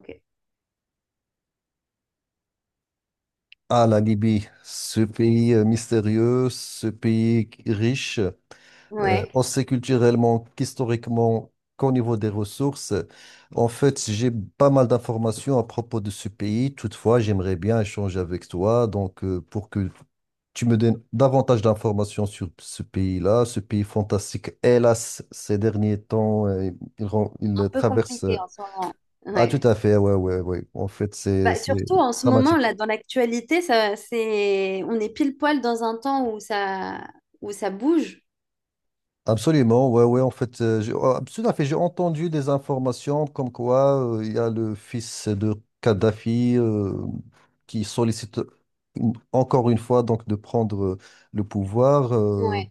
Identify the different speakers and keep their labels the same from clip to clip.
Speaker 1: Ok.
Speaker 2: Ah, la Libye, ce pays mystérieux, ce pays riche,
Speaker 1: Ouais.
Speaker 2: aussi culturellement qu'historiquement qu'au niveau des ressources. En fait, j'ai pas mal d'informations à propos de ce pays. Toutefois, j'aimerais bien échanger avec toi, donc pour que tu me donnes davantage d'informations sur ce pays-là, ce pays fantastique. Hélas, ces derniers temps,
Speaker 1: Un
Speaker 2: il
Speaker 1: peu
Speaker 2: traverse.
Speaker 1: compliqué en ce moment.
Speaker 2: Ah, tout
Speaker 1: Ouais.
Speaker 2: à fait, ouais, ouais, ouais. En fait, c'est
Speaker 1: Bah,
Speaker 2: c'est
Speaker 1: surtout en ce moment,
Speaker 2: dramatique.
Speaker 1: là, dans l'actualité, ça, c'est, on est pile poil dans un temps où ça bouge.
Speaker 2: Absolument, ouais, ouais, en fait, oh, tout à fait, j'ai entendu des informations comme quoi il y a le fils de Kadhafi qui sollicite encore une fois donc de prendre le pouvoir.
Speaker 1: Ouais,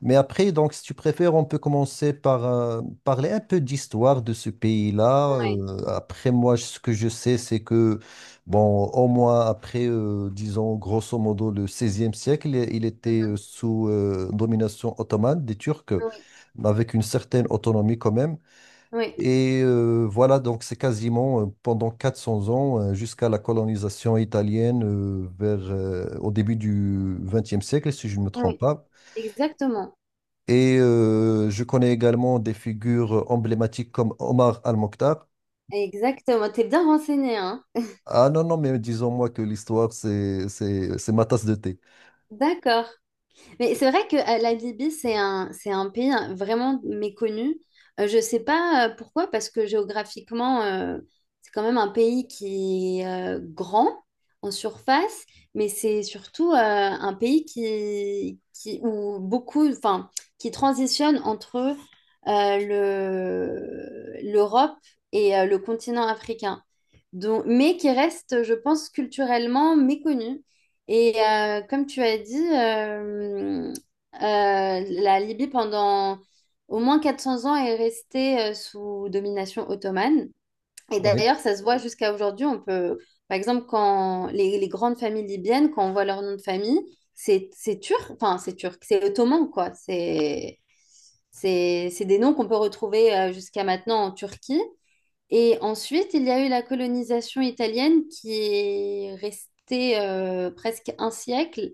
Speaker 2: Mais après, donc, si tu préfères, on peut commencer par parler un peu d'histoire de ce pays-là.
Speaker 1: ouais.
Speaker 2: Après, moi, ce que je sais, c'est que, bon, au moins après, disons, grosso modo, le 16e siècle, il était
Speaker 1: Mhm.
Speaker 2: sous domination ottomane des Turcs,
Speaker 1: Oui,
Speaker 2: mais avec une certaine autonomie quand même.
Speaker 1: oui,
Speaker 2: Et voilà, donc c'est quasiment pendant 400 ans, jusqu'à la colonisation italienne vers, au début du XXe siècle, si je ne me trompe
Speaker 1: oui,
Speaker 2: pas.
Speaker 1: exactement.
Speaker 2: Et je connais également des figures emblématiques comme Omar Al-Mokhtar.
Speaker 1: Exactement. T'es bien renseigné, hein?
Speaker 2: Ah non, non, mais disons-moi que l'histoire, c'est ma tasse de thé.
Speaker 1: D'accord. Mais c'est vrai que la Libye, c'est un pays vraiment méconnu. Je ne sais pas pourquoi, parce que géographiquement, c'est quand même un pays qui est grand en surface, mais c'est surtout un pays qui, où beaucoup, enfin, qui transitionne entre euh, l'Europe et le continent africain. Donc, mais qui reste, je pense, culturellement méconnu. Et comme tu as dit, la Libye pendant au moins 400 ans est restée sous domination ottomane. Et
Speaker 2: Oui.
Speaker 1: d'ailleurs, ça se voit jusqu'à aujourd'hui. On peut, par exemple, quand les grandes familles libyennes, quand on voit leur nom de famille, c'est turc, enfin c'est turc, c'est ottoman quoi. C'est des noms qu'on peut retrouver jusqu'à maintenant en Turquie. Et ensuite, il y a eu la colonisation italienne qui est restée presque un siècle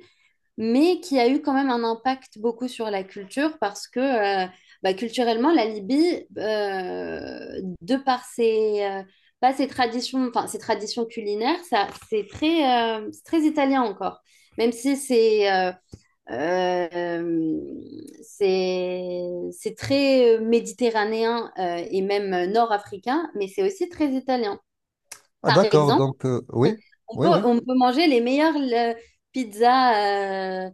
Speaker 1: mais qui a eu quand même un impact beaucoup sur la culture parce que euh, bah, culturellement, la Libye, de par pas ses traditions, enfin, ses traditions culinaires, ça, c'est très italien encore, même si euh, c'est c'est très méditerranéen et même nord-africain, mais c'est aussi très italien.
Speaker 2: Ah
Speaker 1: Par
Speaker 2: d'accord,
Speaker 1: exemple,
Speaker 2: donc oui, oui, oui.
Speaker 1: on peut manger les meilleures pizzas euh,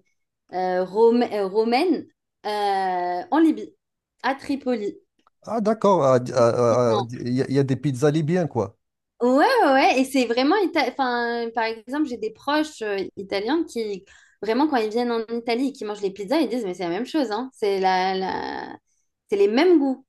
Speaker 1: euh, Rome- euh, romaine en Libye, à Tripoli.
Speaker 2: Ah d'accord,
Speaker 1: Typiquement.
Speaker 2: il y a des pizzas libyens, quoi.
Speaker 1: Ouais, ouais. Et c'est vraiment... Enfin, par exemple, j'ai des proches italiens qui, vraiment, quand ils viennent en Italie et qu'ils mangent les pizzas, ils disent, mais c'est la même chose, hein. C'est la... C'est les mêmes goûts.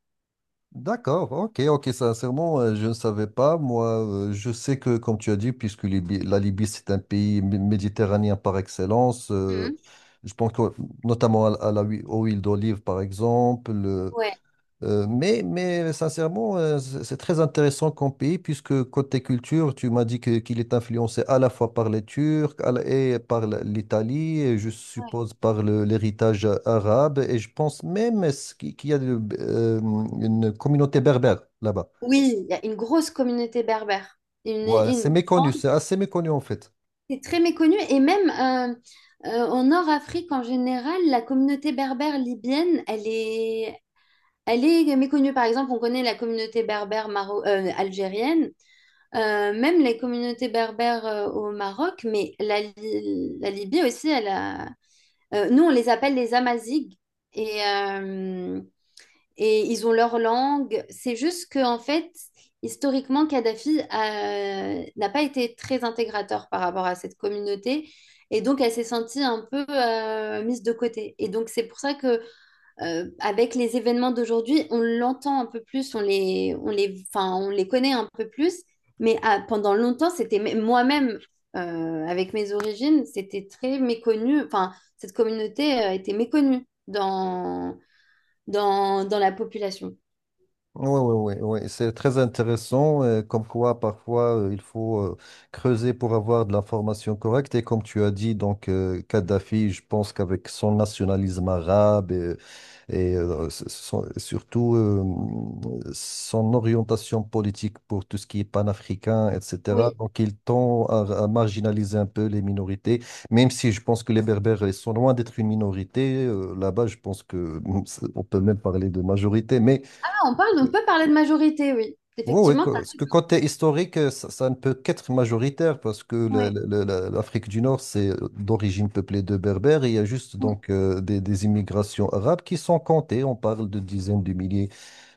Speaker 2: D'accord, ok, ok, sincèrement, je ne savais pas. Moi, je sais que, comme tu as dit, puisque la Libye, c'est un pays méditerranéen par excellence,
Speaker 1: Mhm.
Speaker 2: je pense que, notamment à la aux huiles d'olive, par exemple,
Speaker 1: Ouais.
Speaker 2: mais sincèrement, c'est très intéressant comme pays, puisque côté culture, tu m'as qu'il est influencé à la fois par les Turcs et par l'Italie, et je
Speaker 1: Ouais.
Speaker 2: suppose par l'héritage arabe, et je pense même est-ce qu'il y a une communauté berbère là-bas.
Speaker 1: Oui, il y a une grosse communauté berbère.
Speaker 2: Voilà,
Speaker 1: Une
Speaker 2: c'est méconnu,
Speaker 1: grande-.
Speaker 2: c'est assez méconnu en fait.
Speaker 1: C'est très méconnu. Et même en Nord-Afrique en général, la communauté berbère libyenne, elle est méconnue, par exemple, on connaît la communauté berbère maro algérienne, même les communautés berbères au Maroc, mais la Libye aussi, elle a... Nous, on les appelle les Amazighs, et, euh, et ils ont leur langue. C'est juste que, en fait, historiquement, Kadhafi n'a pas été très intégrateur par rapport à cette communauté, et donc elle s'est sentie un peu mise de côté. Et donc c'est pour ça que avec les événements d'aujourd'hui, on l'entend un peu plus, enfin, on les connaît un peu plus. Mais ah, pendant longtemps, c'était moi-même, avec mes origines, c'était très méconnu. Enfin, cette communauté, était méconnue dans la population.
Speaker 2: Oui, oui, oui, oui. C'est très intéressant, comme quoi parfois il faut creuser pour avoir de l'information correcte. Et comme tu as dit, donc Kadhafi, je pense qu'avec son nationalisme arabe et, surtout son orientation politique pour tout ce qui est panafricain, etc.,
Speaker 1: Oui.
Speaker 2: donc il tend à marginaliser un peu les minorités, même si je pense que les Berbères ils sont loin d'être une minorité. Là-bas, je pense que on peut même parler de majorité, mais.
Speaker 1: Ah, on parle, on peut parler de majorité, oui.
Speaker 2: Oui, oui,
Speaker 1: Effectivement, t'as-.
Speaker 2: parce que côté historique, ça ne peut qu'être majoritaire parce que
Speaker 1: Ouais.
Speaker 2: l'Afrique du Nord, c'est d'origine peuplée de Berbères et il y a juste
Speaker 1: Mm.
Speaker 2: donc des immigrations arabes qui sont comptées. On parle de dizaines de milliers.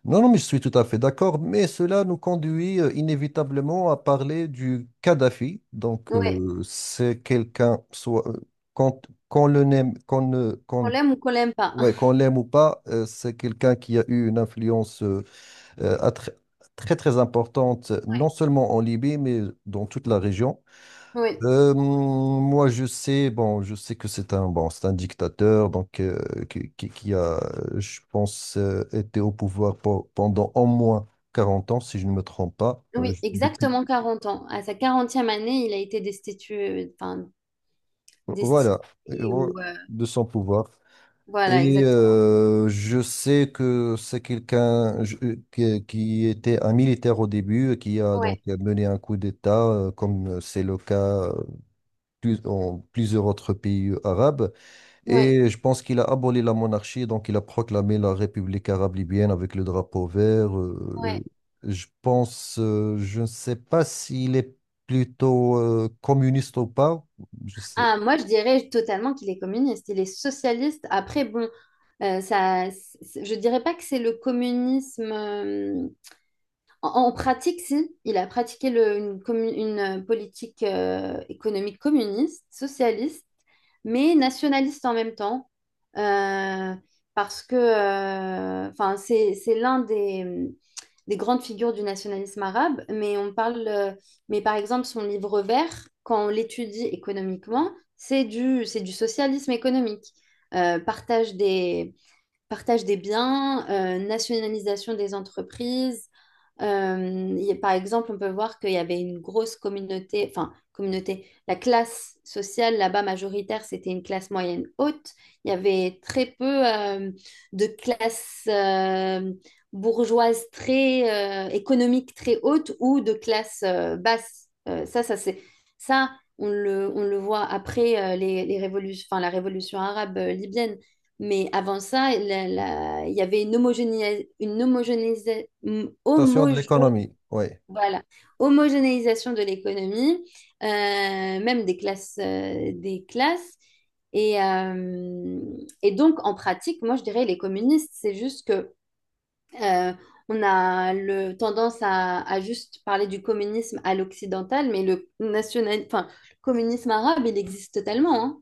Speaker 2: Non, non, mais je suis tout à fait d'accord, mais cela nous conduit inévitablement à parler du Kadhafi. Donc,
Speaker 1: Ouais.
Speaker 2: c'est quelqu'un, soit qu'on qu'on le n'aime, qu'on ne,
Speaker 1: Qu'on
Speaker 2: qu'on,
Speaker 1: l'aime ou qu'on l'aime pas.
Speaker 2: ouais, qu'on l'aime ou pas, c'est quelqu'un qui a eu une influence. Euh, à tr- très très importante, non
Speaker 1: Oui,
Speaker 2: seulement en Libye, mais dans toute la région.
Speaker 1: oui,
Speaker 2: Moi, je sais, bon, je sais que c'est un, bon, c'est un dictateur, donc qui, qui a, je pense, été au pouvoir pendant au moins 40 ans, si je ne me trompe pas.
Speaker 1: oui,
Speaker 2: Depuis,
Speaker 1: exactement 40 ans. À sa 40e année, il a été destitué, enfin,
Speaker 2: voilà,
Speaker 1: destinée
Speaker 2: euh,
Speaker 1: ou
Speaker 2: de son pouvoir.
Speaker 1: voilà,
Speaker 2: Et
Speaker 1: exactement.
Speaker 2: je sais que c'est quelqu'un qui était un militaire au début, qui a donc
Speaker 1: Ouais,
Speaker 2: mené un coup d'État, comme c'est le cas en plusieurs autres pays arabes.
Speaker 1: ouais,
Speaker 2: Et je pense qu'il a aboli la monarchie, donc il a proclamé la République arabe libyenne avec le drapeau vert.
Speaker 1: ouais.
Speaker 2: Je pense, je ne sais pas s'il est plutôt communiste ou pas. Je sais.
Speaker 1: Ah, moi, je dirais totalement qu'il est communiste. Il est socialiste. Après, bon, ça, c'est- je dirais pas que c'est le communisme. En pratique, si, il a pratiqué une politique économique communiste, socialiste, mais nationaliste en même temps, euh, parce que enfin, c'est l'un des grandes figures du nationalisme arabe, mais on parle, mais par exemple, son livre vert, quand on l'étudie économiquement, c'est du socialisme économique. Euh, partage des, partage des biens, nationalisation des entreprises. Il y a- par exemple, on peut voir qu'il y avait une grosse communauté, enfin, communauté, la classe sociale là-bas majoritaire, c'était une classe moyenne haute. Il y avait très peu de classes bourgeoises très économiques très hautes ou de classes basses. Ça, ça c'est ça, on le voit après les révolutions, enfin, la révolution arabe libyenne mais avant ça, il y avait une homogénéisation,
Speaker 2: Station de l'économie, oui.
Speaker 1: voilà, homogénéisation de l'économie, euh, même des classes, des classes. Et, euh, et donc, en pratique, moi, je dirais les communistes, c'est juste que euh, on a le tendance à juste parler du communisme à l'occidental, mais le national, enfin, le communisme arabe, il existe totalement, hein.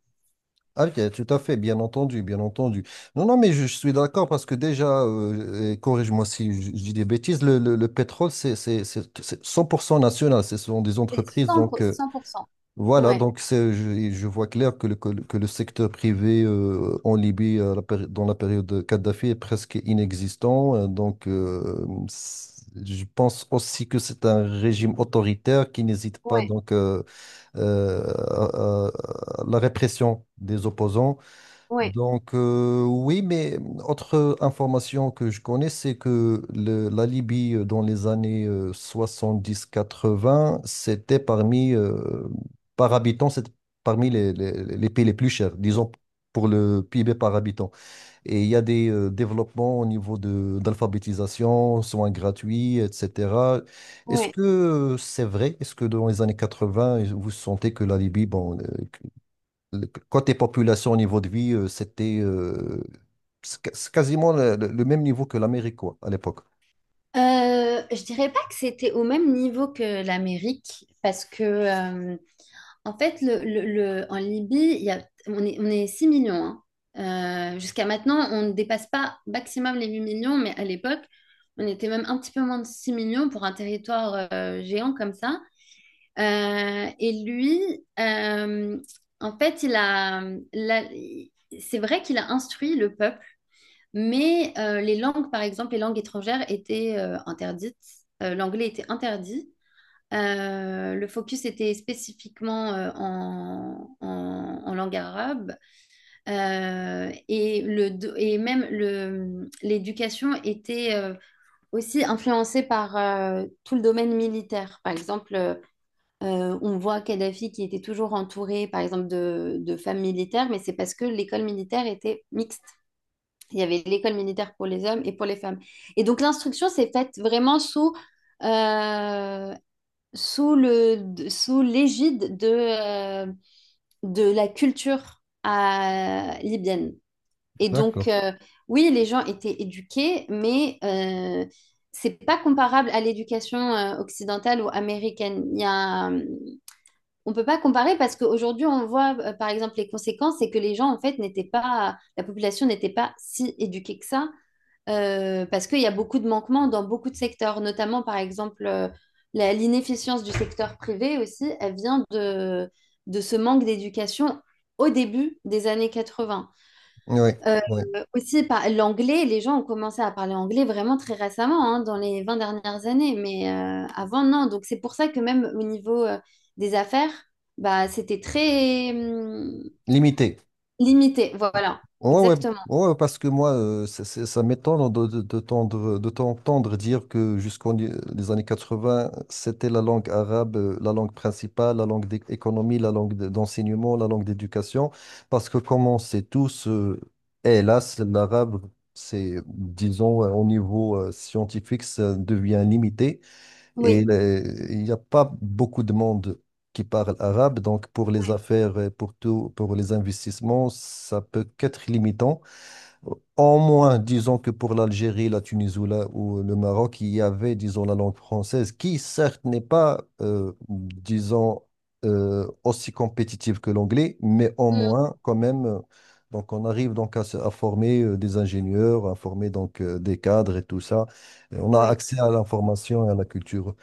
Speaker 2: Ah, ok, tout à fait, bien entendu, bien entendu. Non, non, mais je suis d'accord parce que déjà, et corrige-moi si je, je dis des bêtises, le pétrole, c'est 100% national, ce sont des
Speaker 1: C'est
Speaker 2: entreprises. Donc,
Speaker 1: 100%, 100%.
Speaker 2: voilà,
Speaker 1: Ouais,
Speaker 2: donc je vois clair que le que le secteur privé en Libye, dans la période de Kadhafi, est presque inexistant. Donc, je pense aussi que c'est un régime autoritaire qui n'hésite pas
Speaker 1: ouais,
Speaker 2: donc, euh, à la répression des opposants.
Speaker 1: ouais,
Speaker 2: Donc, oui, mais autre information que je connais, c'est que la Libye, dans les années 70-80, c'était parmi, par habitant, c'était parmi les pays les plus chers, disons, pour le PIB par habitant. Et il y a des développements au niveau de, d'alphabétisation, soins gratuits, etc. Est-ce
Speaker 1: ouais.
Speaker 2: que c'est vrai? Est-ce que dans les années 80, vous sentez que la Libye, bon, côté population, niveau de vie, c'était c'est quasiment le même niveau que l'Amérique, quoi, à l'époque.
Speaker 1: Je dirais pas que c'était au même niveau que l'Amérique, parce que en fait, en Libye, il y a, on est 6 millions. Hein. Jusqu'à maintenant, on ne dépasse pas maximum les 8 millions, mais à l'époque, on était même un petit peu moins de 6 millions pour un territoire géant comme ça. Euh, et lui, euh, en fait, c'est vrai qu'il a instruit le peuple mais les langues, par exemple, les langues étrangères étaient interdites. L'anglais était interdit. Le focus était spécifiquement en langue arabe. Et même l'éducation était aussi influencée par tout le domaine militaire. Par exemple, on voit Kadhafi qui était toujours entouré, par exemple, de femmes militaires, mais c'est parce que l'école militaire était mixte. Il y avait l'école militaire pour les hommes et pour les femmes. Et donc l'instruction s'est faite vraiment sous, euh, sous le, sous l'égide de la culture libyenne. Et donc,
Speaker 2: D'accord.
Speaker 1: oui, les gens étaient éduqués, mais c'est pas comparable à l'éducation occidentale ou américaine. On peut pas comparer parce qu'aujourd'hui, on voit, par exemple, les conséquences, c'est que les gens, en fait, n'étaient pas, la population n'était pas si éduquée que ça parce qu'il y a beaucoup de manquements dans beaucoup de secteurs, notamment par exemple l'inefficience du secteur privé aussi, elle vient de ce manque d'éducation au début des années 80.
Speaker 2: Oui,
Speaker 1: Euh,
Speaker 2: oui.
Speaker 1: Aussi par l'anglais, les gens ont commencé à parler anglais vraiment très récemment, hein, dans les 20 dernières années, mais avant non. Donc c'est pour ça que même au niveau des affaires, bah, c'était très
Speaker 2: Limité.
Speaker 1: limité. Voilà,
Speaker 2: Ouais, ouais,
Speaker 1: exactement.
Speaker 2: ouais, parce que moi, ça m'étonne de t'entendre dire que jusqu'aux les années 80, c'était la langue arabe, la langue principale, la langue d'économie, la langue d'enseignement, la langue d'éducation, parce que comme on sait tous, hélas, l'arabe, c'est, disons, au niveau scientifique, ça devient limité.
Speaker 1: Oui.
Speaker 2: Et il n'y a pas beaucoup de monde qui parle arabe, donc pour les
Speaker 1: Oui.
Speaker 2: affaires, pour tout, pour les investissements, ça peut qu'être limitant. En moins, disons que pour l'Algérie, la Tunisie ou, ou le Maroc, il y avait, disons, la langue française, qui certes n'est pas, disons, aussi compétitive que l'anglais, mais en
Speaker 1: Mm.
Speaker 2: moins, quand même, donc on arrive donc à, à former des ingénieurs, à former donc des cadres et tout ça. Et on a
Speaker 1: Oui.
Speaker 2: accès à l'information et à la culture.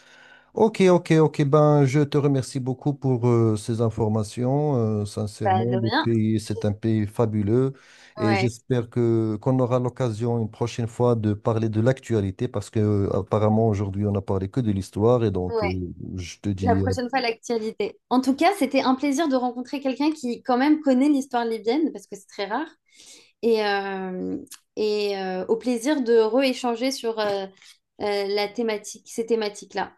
Speaker 2: Ok, ok, ok. Ben, je te remercie beaucoup pour ces informations.
Speaker 1: Bah,
Speaker 2: Sincèrement,
Speaker 1: de
Speaker 2: le
Speaker 1: rien.
Speaker 2: pays, c'est un pays fabuleux et
Speaker 1: Ouais.
Speaker 2: j'espère que qu'on aura l'occasion une prochaine fois de parler de l'actualité parce que apparemment aujourd'hui on n'a parlé que de l'histoire et donc
Speaker 1: Ouais,
Speaker 2: je te
Speaker 1: la
Speaker 2: dis
Speaker 1: prochaine fois, l'actualité. En tout cas, c'était un plaisir de rencontrer quelqu'un qui, quand même, connaît l'histoire libyenne, parce que c'est très rare. Et, au plaisir de rééchanger sur la thématique, ces thématiques-là.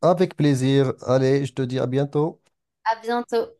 Speaker 2: avec plaisir. Allez, je te dis à bientôt.
Speaker 1: À bientôt.